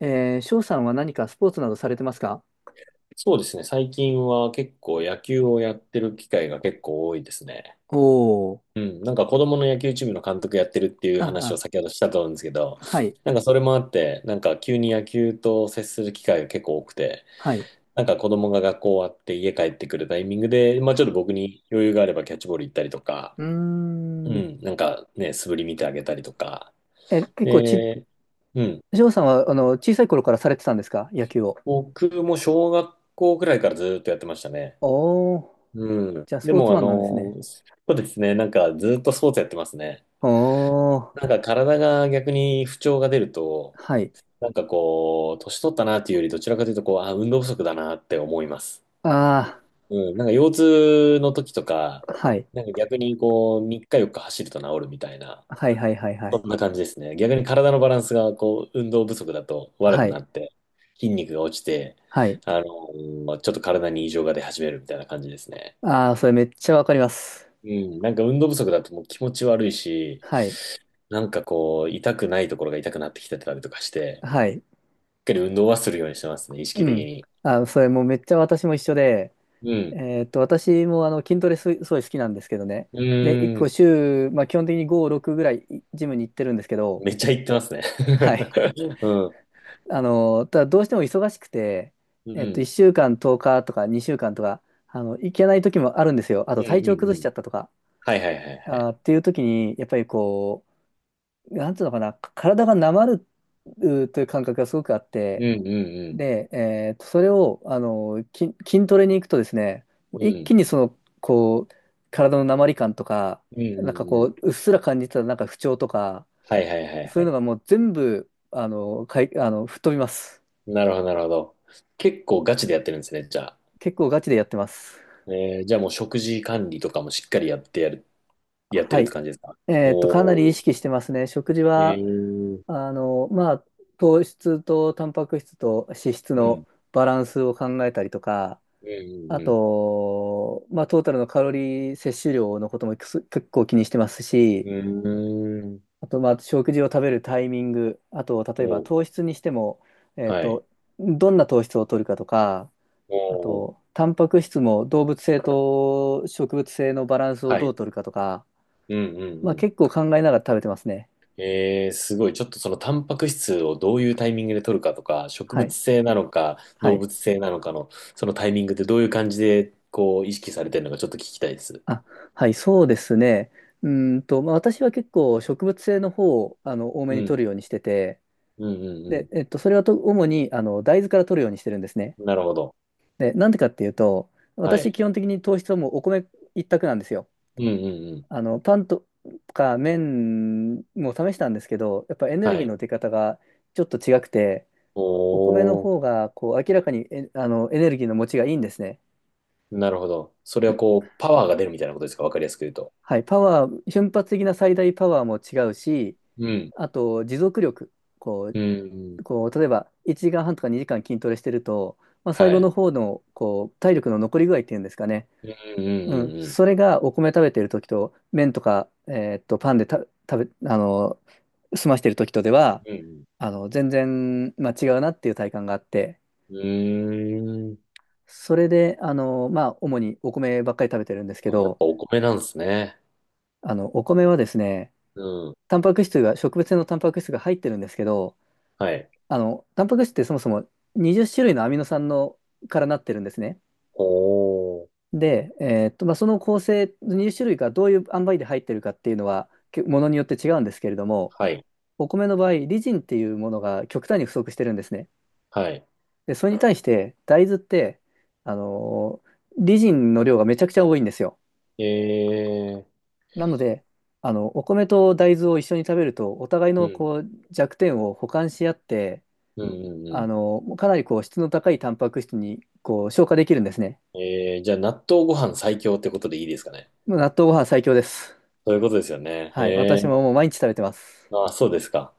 翔さんは何かスポーツなどされてますか？そうですね。最近は結構野球をやってる機会が結構多いですね。おおー。うん。なんか子供の野球チームの監督やってるっていう話をあ、先ほどしたと思うんですけど、あ、はい、なんかそれもあって、なんか急に野球と接する機会が結構多くて、はい。なんか子供が学校終わって家帰ってくるタイミングで、まあちょっと僕に余裕があればキャッチボール行ったりとか、うーうん。ん。なんかね、素振り見てあげたりとか。え、結構ち、で、うん。翔さんは、あの、小さい頃からされてたんですか、野球を？僕も小学校くらいからずっとやってましたね。おお。うん。じゃあ、スでポーツも、マンなんですね。そうですね。なんか、ずっとスポーツやってますね。おお。なんか、体が逆に不調が出ると、はい。なんかこう、年取ったなっていうより、どちらかというと、こう、あ、運動不足だなって思います。あうん。なんか、腰痛の時とか、あ、はい。なんか逆にこう、3日4日走ると治るみたいな、はい、はい、はい、はそい。んな感じですね。逆に体のバランスが、こう、運動不足だと悪くはない、って、筋肉が落ちて、はい。ちょっと体に異常が出始めるみたいな感じですね。ああ、それめっちゃわかります。うん、なんか運動不足だともう気持ち悪いし、はい、なんかこう、痛くないところが痛くなってきてたりとかして、はい。しっかり運動はするようにしてますね、意識う的ん。に。あー、それもうめっちゃ私も一緒で、うん。私もあの筋トレす、すごい好きなんですけどね。うで、1ー個ん。週、まあ、基本的に5、6ぐらいいジムに行ってるんですけど、めっちゃ言ってますね。はい。うん。あの、ただどうしても忙しくて、うん。1週間10日とおか2週間とか、あの、行けない時もあるんですよ。あうとん。うん。う体んうん調うんう崩んしうちん、ゃったとか、はいはいはいはあい。ーっていう時に、やっぱりこう、なんていうのかな、体がなまるという感覚がすごくあっうて、んうんで、それを、あの、筋トレに行くとですね、うん。一うん。気にその、こう、体のなまり感とか、うんうなんかんこうう、うん。っすら感じてたなんか不調とか、はいはいはいそはういうのい。がもう全部、あの、吹っ飛びます。なるほど、なるほど。結構ガチでやってるんですね、じゃあ。結構ガチでやってます。じゃあもう食事管理とかもしっかりやってはるってい。感じですか？かなおり意ー。識してますね。食事えは、ー。あの、まあ、糖質とタンパク質と脂質うんのバランスを考えたりとか、うあんうんと、まあ、トータルのカロリー摂取量のことも結構気にしてますし、うん。うーん。あと、まあ、食事を食べるタイミング、あと、例えばおう、糖質にしても、えっはい。と、どんな糖質を取るかとか、あおう、と、タンパク質も動物性と植物性のバランスをはどい。う取るかとか、うんうんまあ、うん。結構考えながら食べてますね。えー、すごい。ちょっとそのタンパク質をどういうタイミングで取るかとか、植は物い。性なのか、は動い。物性なのかの、そのタイミングってどういう感じで、こう、意識されてるのかちょっと聞きたいです。あ、はい、そうですね。まあ、私は結構植物性の方を、あの、多めうに取ん。るようにしてて、うんうで、んそれは主にあの大豆から取るようにしてるんですね。うん。なるほど。で、なんでかっていうと、は私、い。基本的に糖質はもうお米一択なんですよ。うんうんうん。あのパンとか麺も試したんですけど、やっぱエネはルギーい。の出方がちょっと違くて、お米のおー、方がこう明らかにえあのエネルギーの持ちがいいんですね。なるほど。それはこう、パワーが出るみたいなことですか、わかりやすく言うと。はい、パワー、瞬発的な最大パワーも違うし、うん。あと持続力、こうんううん。こう、例えば1時間半とか2時間筋トレしてると、まあ、最は後い。の方のこう体力の残り具合っていうんですかね、うんうんううん、んうん。それがお米食べてる時と、麺とか、パンでた食べ、あの、済ましてる時とでは、うんうん、あの、全然、まあ、違うなっていう体感があって、うーん。それで、あの、まあ、主にお米ばっかり食べてるんですけあ、やっど、ぱお米なんですね。あの、お米はですね、うん。タンパク質が、植物性のタンパク質が入ってるんですけど、はい。あの、タンパク質ってそもそも20種類のアミノ酸のからなってるんですね。おー。で、まあ、その構成、20種類がどういう塩梅で入ってるかっていうのは、けものによって違うんですけれども、はい。お米の場合、リジンっていうものが極端に不足してるんですね。はで、それに対して、大豆って、あのーリジンの量がめちゃくちゃ多いんですよ。い。えー。なので、あの、お米と大豆を一緒に食べると、お互いうのん。こう弱点を補完し合って、うんうんあうのかなりこう質の高いタンパク質にこう消化できるんですね。ん。じゃあ納豆ご飯最強ってことでいいですかね。もう納豆ご飯最強です。そういうことですよね。はい、え私ももう毎日食べてます。ー。あ、そうですか。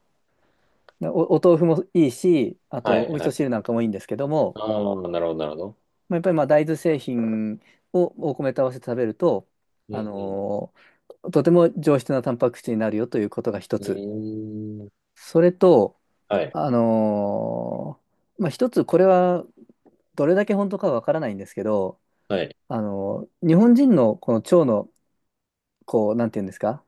お豆腐もいいし、あはとい。お味は噌汁い。なんかもいいんですけども、ああ、なるほど、なるほど。まあ、やっぱりまあ大豆製品をお米と合わせて食べると、うあんのーとても上質なタンパク質になるよということが一うつ。ん。うーん。それと、はい。あのまあ、一つこれはどれだけ本当かはわからないんですけど、はい。日本人のこの腸のこう、なんていうんですか、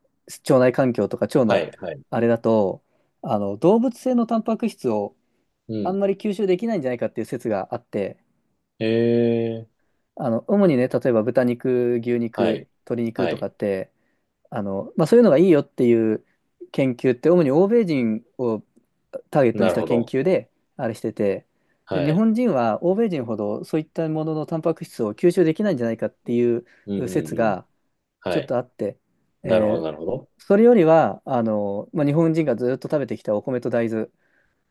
腸内環境とか腸はのい。はい。あれだと、あの動物性のタンパク質をうあん。んまり吸収できないんじゃないかっていう説があって、えー。あの、主にね、例えば豚肉、牛は肉、い。鶏肉はとかい。って、あの、まあ、そういうのがいいよっていう研究って、主に欧米人をターゲットになしるたほ研ど。究で、あれしてて、で、は日い。本人は欧米人ほどそういったもののタンパク質を吸収できないんじゃないかっていううんう説んうん。がちょはっとい。あって、なるほど、えーなるほど。それよりは、あの、まあ、日本人がずっと食べてきたお米と大豆、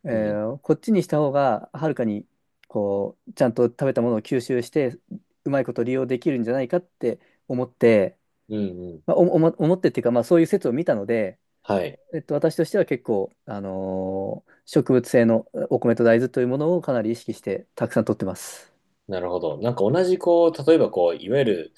うん。こっちにした方が、はるかに、こう、ちゃんと食べたものを吸収して、うまいこと利用できるんじゃないかって思って、うんうん。まあ、思ってっていうか、まあ、そういう説を見たので、はい。私としては結構、植物性のお米と大豆というものをかなり意識して、たくさん取ってます。なるほど。なんか同じこう、例えばこう、いわゆる、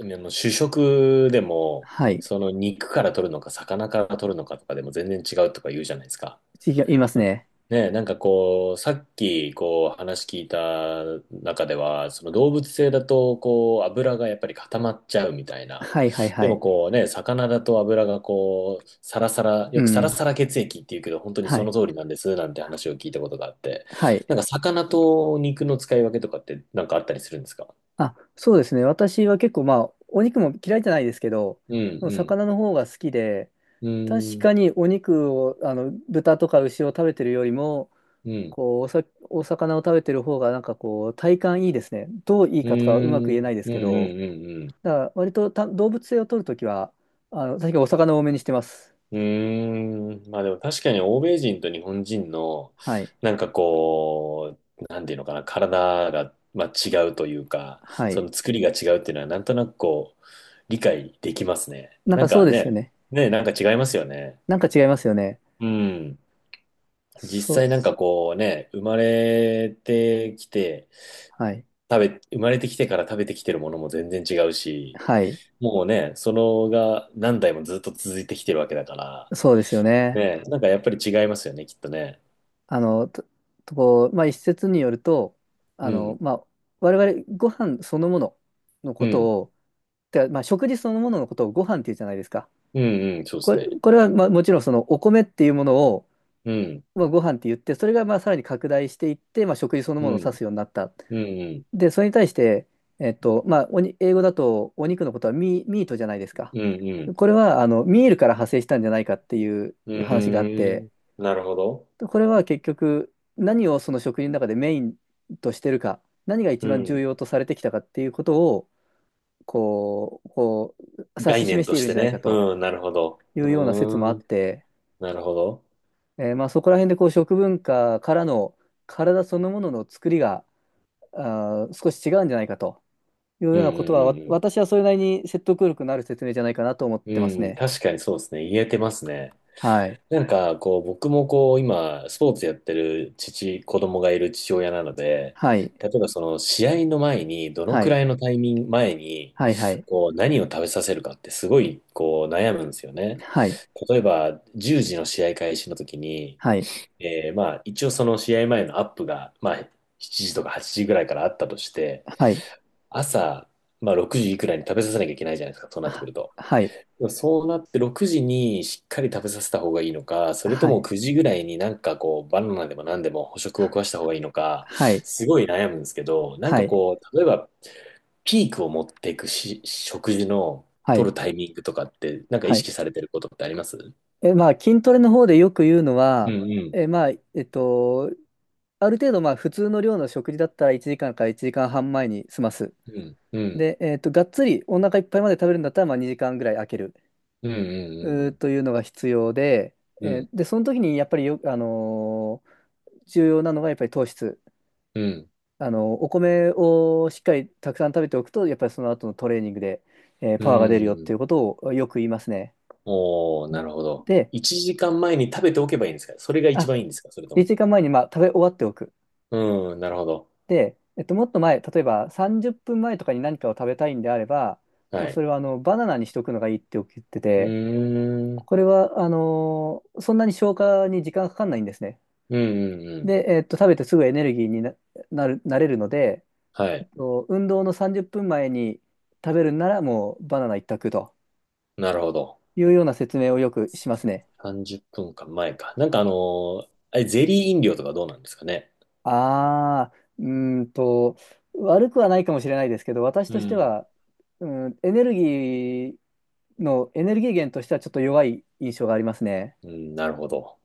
あの主食でも、はい。その肉から取るのか、魚から取るのかとかでも全然違うとか言うじゃないですか。次が言いますね。ねえ、なんかこう、さっきこう話聞いた中では、その動物性だとこう油がやっぱり固まっちゃうみたいな。はいはいはでもい。こうね、魚だと油がこう、サラサラ、うよくサラん。サラ血液っていうけど、本当にはそい。の通りなんですなんて話を聞いたことがあって、はい。なんか魚と肉の使い分けとかってなんかあったりするんですか？あ、そうですね。私は結構まあ、お肉も嫌いじゃないですけど、うん、魚の方が好きで、うん、確うん、かにお肉を、あの、豚とか牛を食べてるよりも、うん、こう、お魚を食べてる方が、なんかこう、体感いいですね。どういいうかとかはうまん、くう言えなん、いですうん、うけど、ん、うん。だから割と動物性を取るときは、あの、確かにお魚を多めにしてます。うーん。まあでも確かに欧米人と日本人の、はい。なんかこう、なんていうのかな、体が、まあ、違うというか、はそい。の作りが違うっていうのは、なんとなくこう、理解できますね。なんなかんそうかですよね、ね。ね、なんか違いますよね。なんか違いますよね。うん。実そ、際なんかこうね、生まれてきて、はい。生まれてきてから食べてきてるものも全然違うし、はい。もうね、そのが何代もずっと続いてきてるわけだから、そうですよね。ね、なんかやっぱり違いますよね、きっとね。あの、こう、まあ、一説によると、あうの、ん、まあ、我々、ご飯そのもののうことん、を、てか、まあ、食事そのもののことをご飯って言うじゃないですか。うん、うん、そうですね。これはまあもちろんそのお米っていうものを、うん、まあ、ご飯って言って、それがまあさらに拡大していって、まあ、食事そのうものを指ん、すようになった。うん、うん、で、それに対して、まあ、英語だとお肉のことはミートじゃないですか。うん、うん。これはあのミールから派生したんじゃないかっていうう話があっーて、ん、なるほど。これは結局何をその食事の中でメインとしてるか、何が一う番重ん。要とされてきたかっていうことをこう指し概念示しとていしるんてじゃないかね。と。うん、なるほど。いううような説もあーっん、て、なるほど。まあ、そこら辺でこう食文化からの体そのものの作りが少し違うんじゃないかというよううん、うなことは、ん、うん、私はそれなりに説得力のある説明じゃないかなと思っうてますん。うん、ね。確かにそうですね。言えてますね。はい。なんか、こう、僕もこう、今、スポーツやってる子供がいる父親なので、はい。例えばその試合の前に、どのはくい。らいのタイミング前に、はい。はい。こう、何を食べさせるかってすごい、こう、悩むんですよね。はい。例えば、10時の試合開始の時に、はい。まあ、一応その試合前のアップが、まあ、7時とか8時ぐらいからあったとして、はい。朝、まあ、6時いくらいに食べさせなきゃいけないじゃないですか、そうなってくはると。はい。そうなって6時にしっかり食べさせた方がいいのか、それとはもい。9時ぐらいになんかこうバナナでも何でも捕食を食わした方がいいのか、はい。すごい悩むんですけど、なんはかい。こう、例えばピークを持っていくし、食事のは取るい。タイミングとかって、なんか意はい。識されてることってあります？うえ、まあ、筋トレの方でよく言うのんは、うんえ、まあ、ある程度まあ普通の量の食事だったら1時間から1時間半前に済ます。うんうんで、がっつりお腹いっぱいまで食べるんだったらまあ2時間ぐらい空けるうんうんというのが必要で、うんで、その時にやっぱり重要なのがやっぱり糖質。うんお米をしっかりたくさん食べておくと、やっぱりその後のトレーニングで、うパワーが出るんうよってん、いうことをよく言いますね。おー、なるほど。で、1時間前に食べておけばいいんですか？それが一あ、番いいんですか？それと1も。時間前にまあ食べ終わっておく。うん、なるほど。で、もっと前、例えば30分前とかに何かを食べたいんであれば、はもうそい。れはあのバナナにしとくのがいいって言ってうて、ーん。これはそんなに消化に時間がかかんないんですね。うんうんうん。で、食べてすぐエネルギーになれるので、はえっい。と運動の30分前に食べるならもうバナナ一択となるほど。いうような説明をよくしますね。30分か前か。なんかあれ、ゼリー飲料とかどうなんですかね。ああ、うーんと、悪くはないかもしれないですけど、私うとしてん。は、うん、エネルギー源としてはちょっと弱い印象がありますね。うん、なるほど。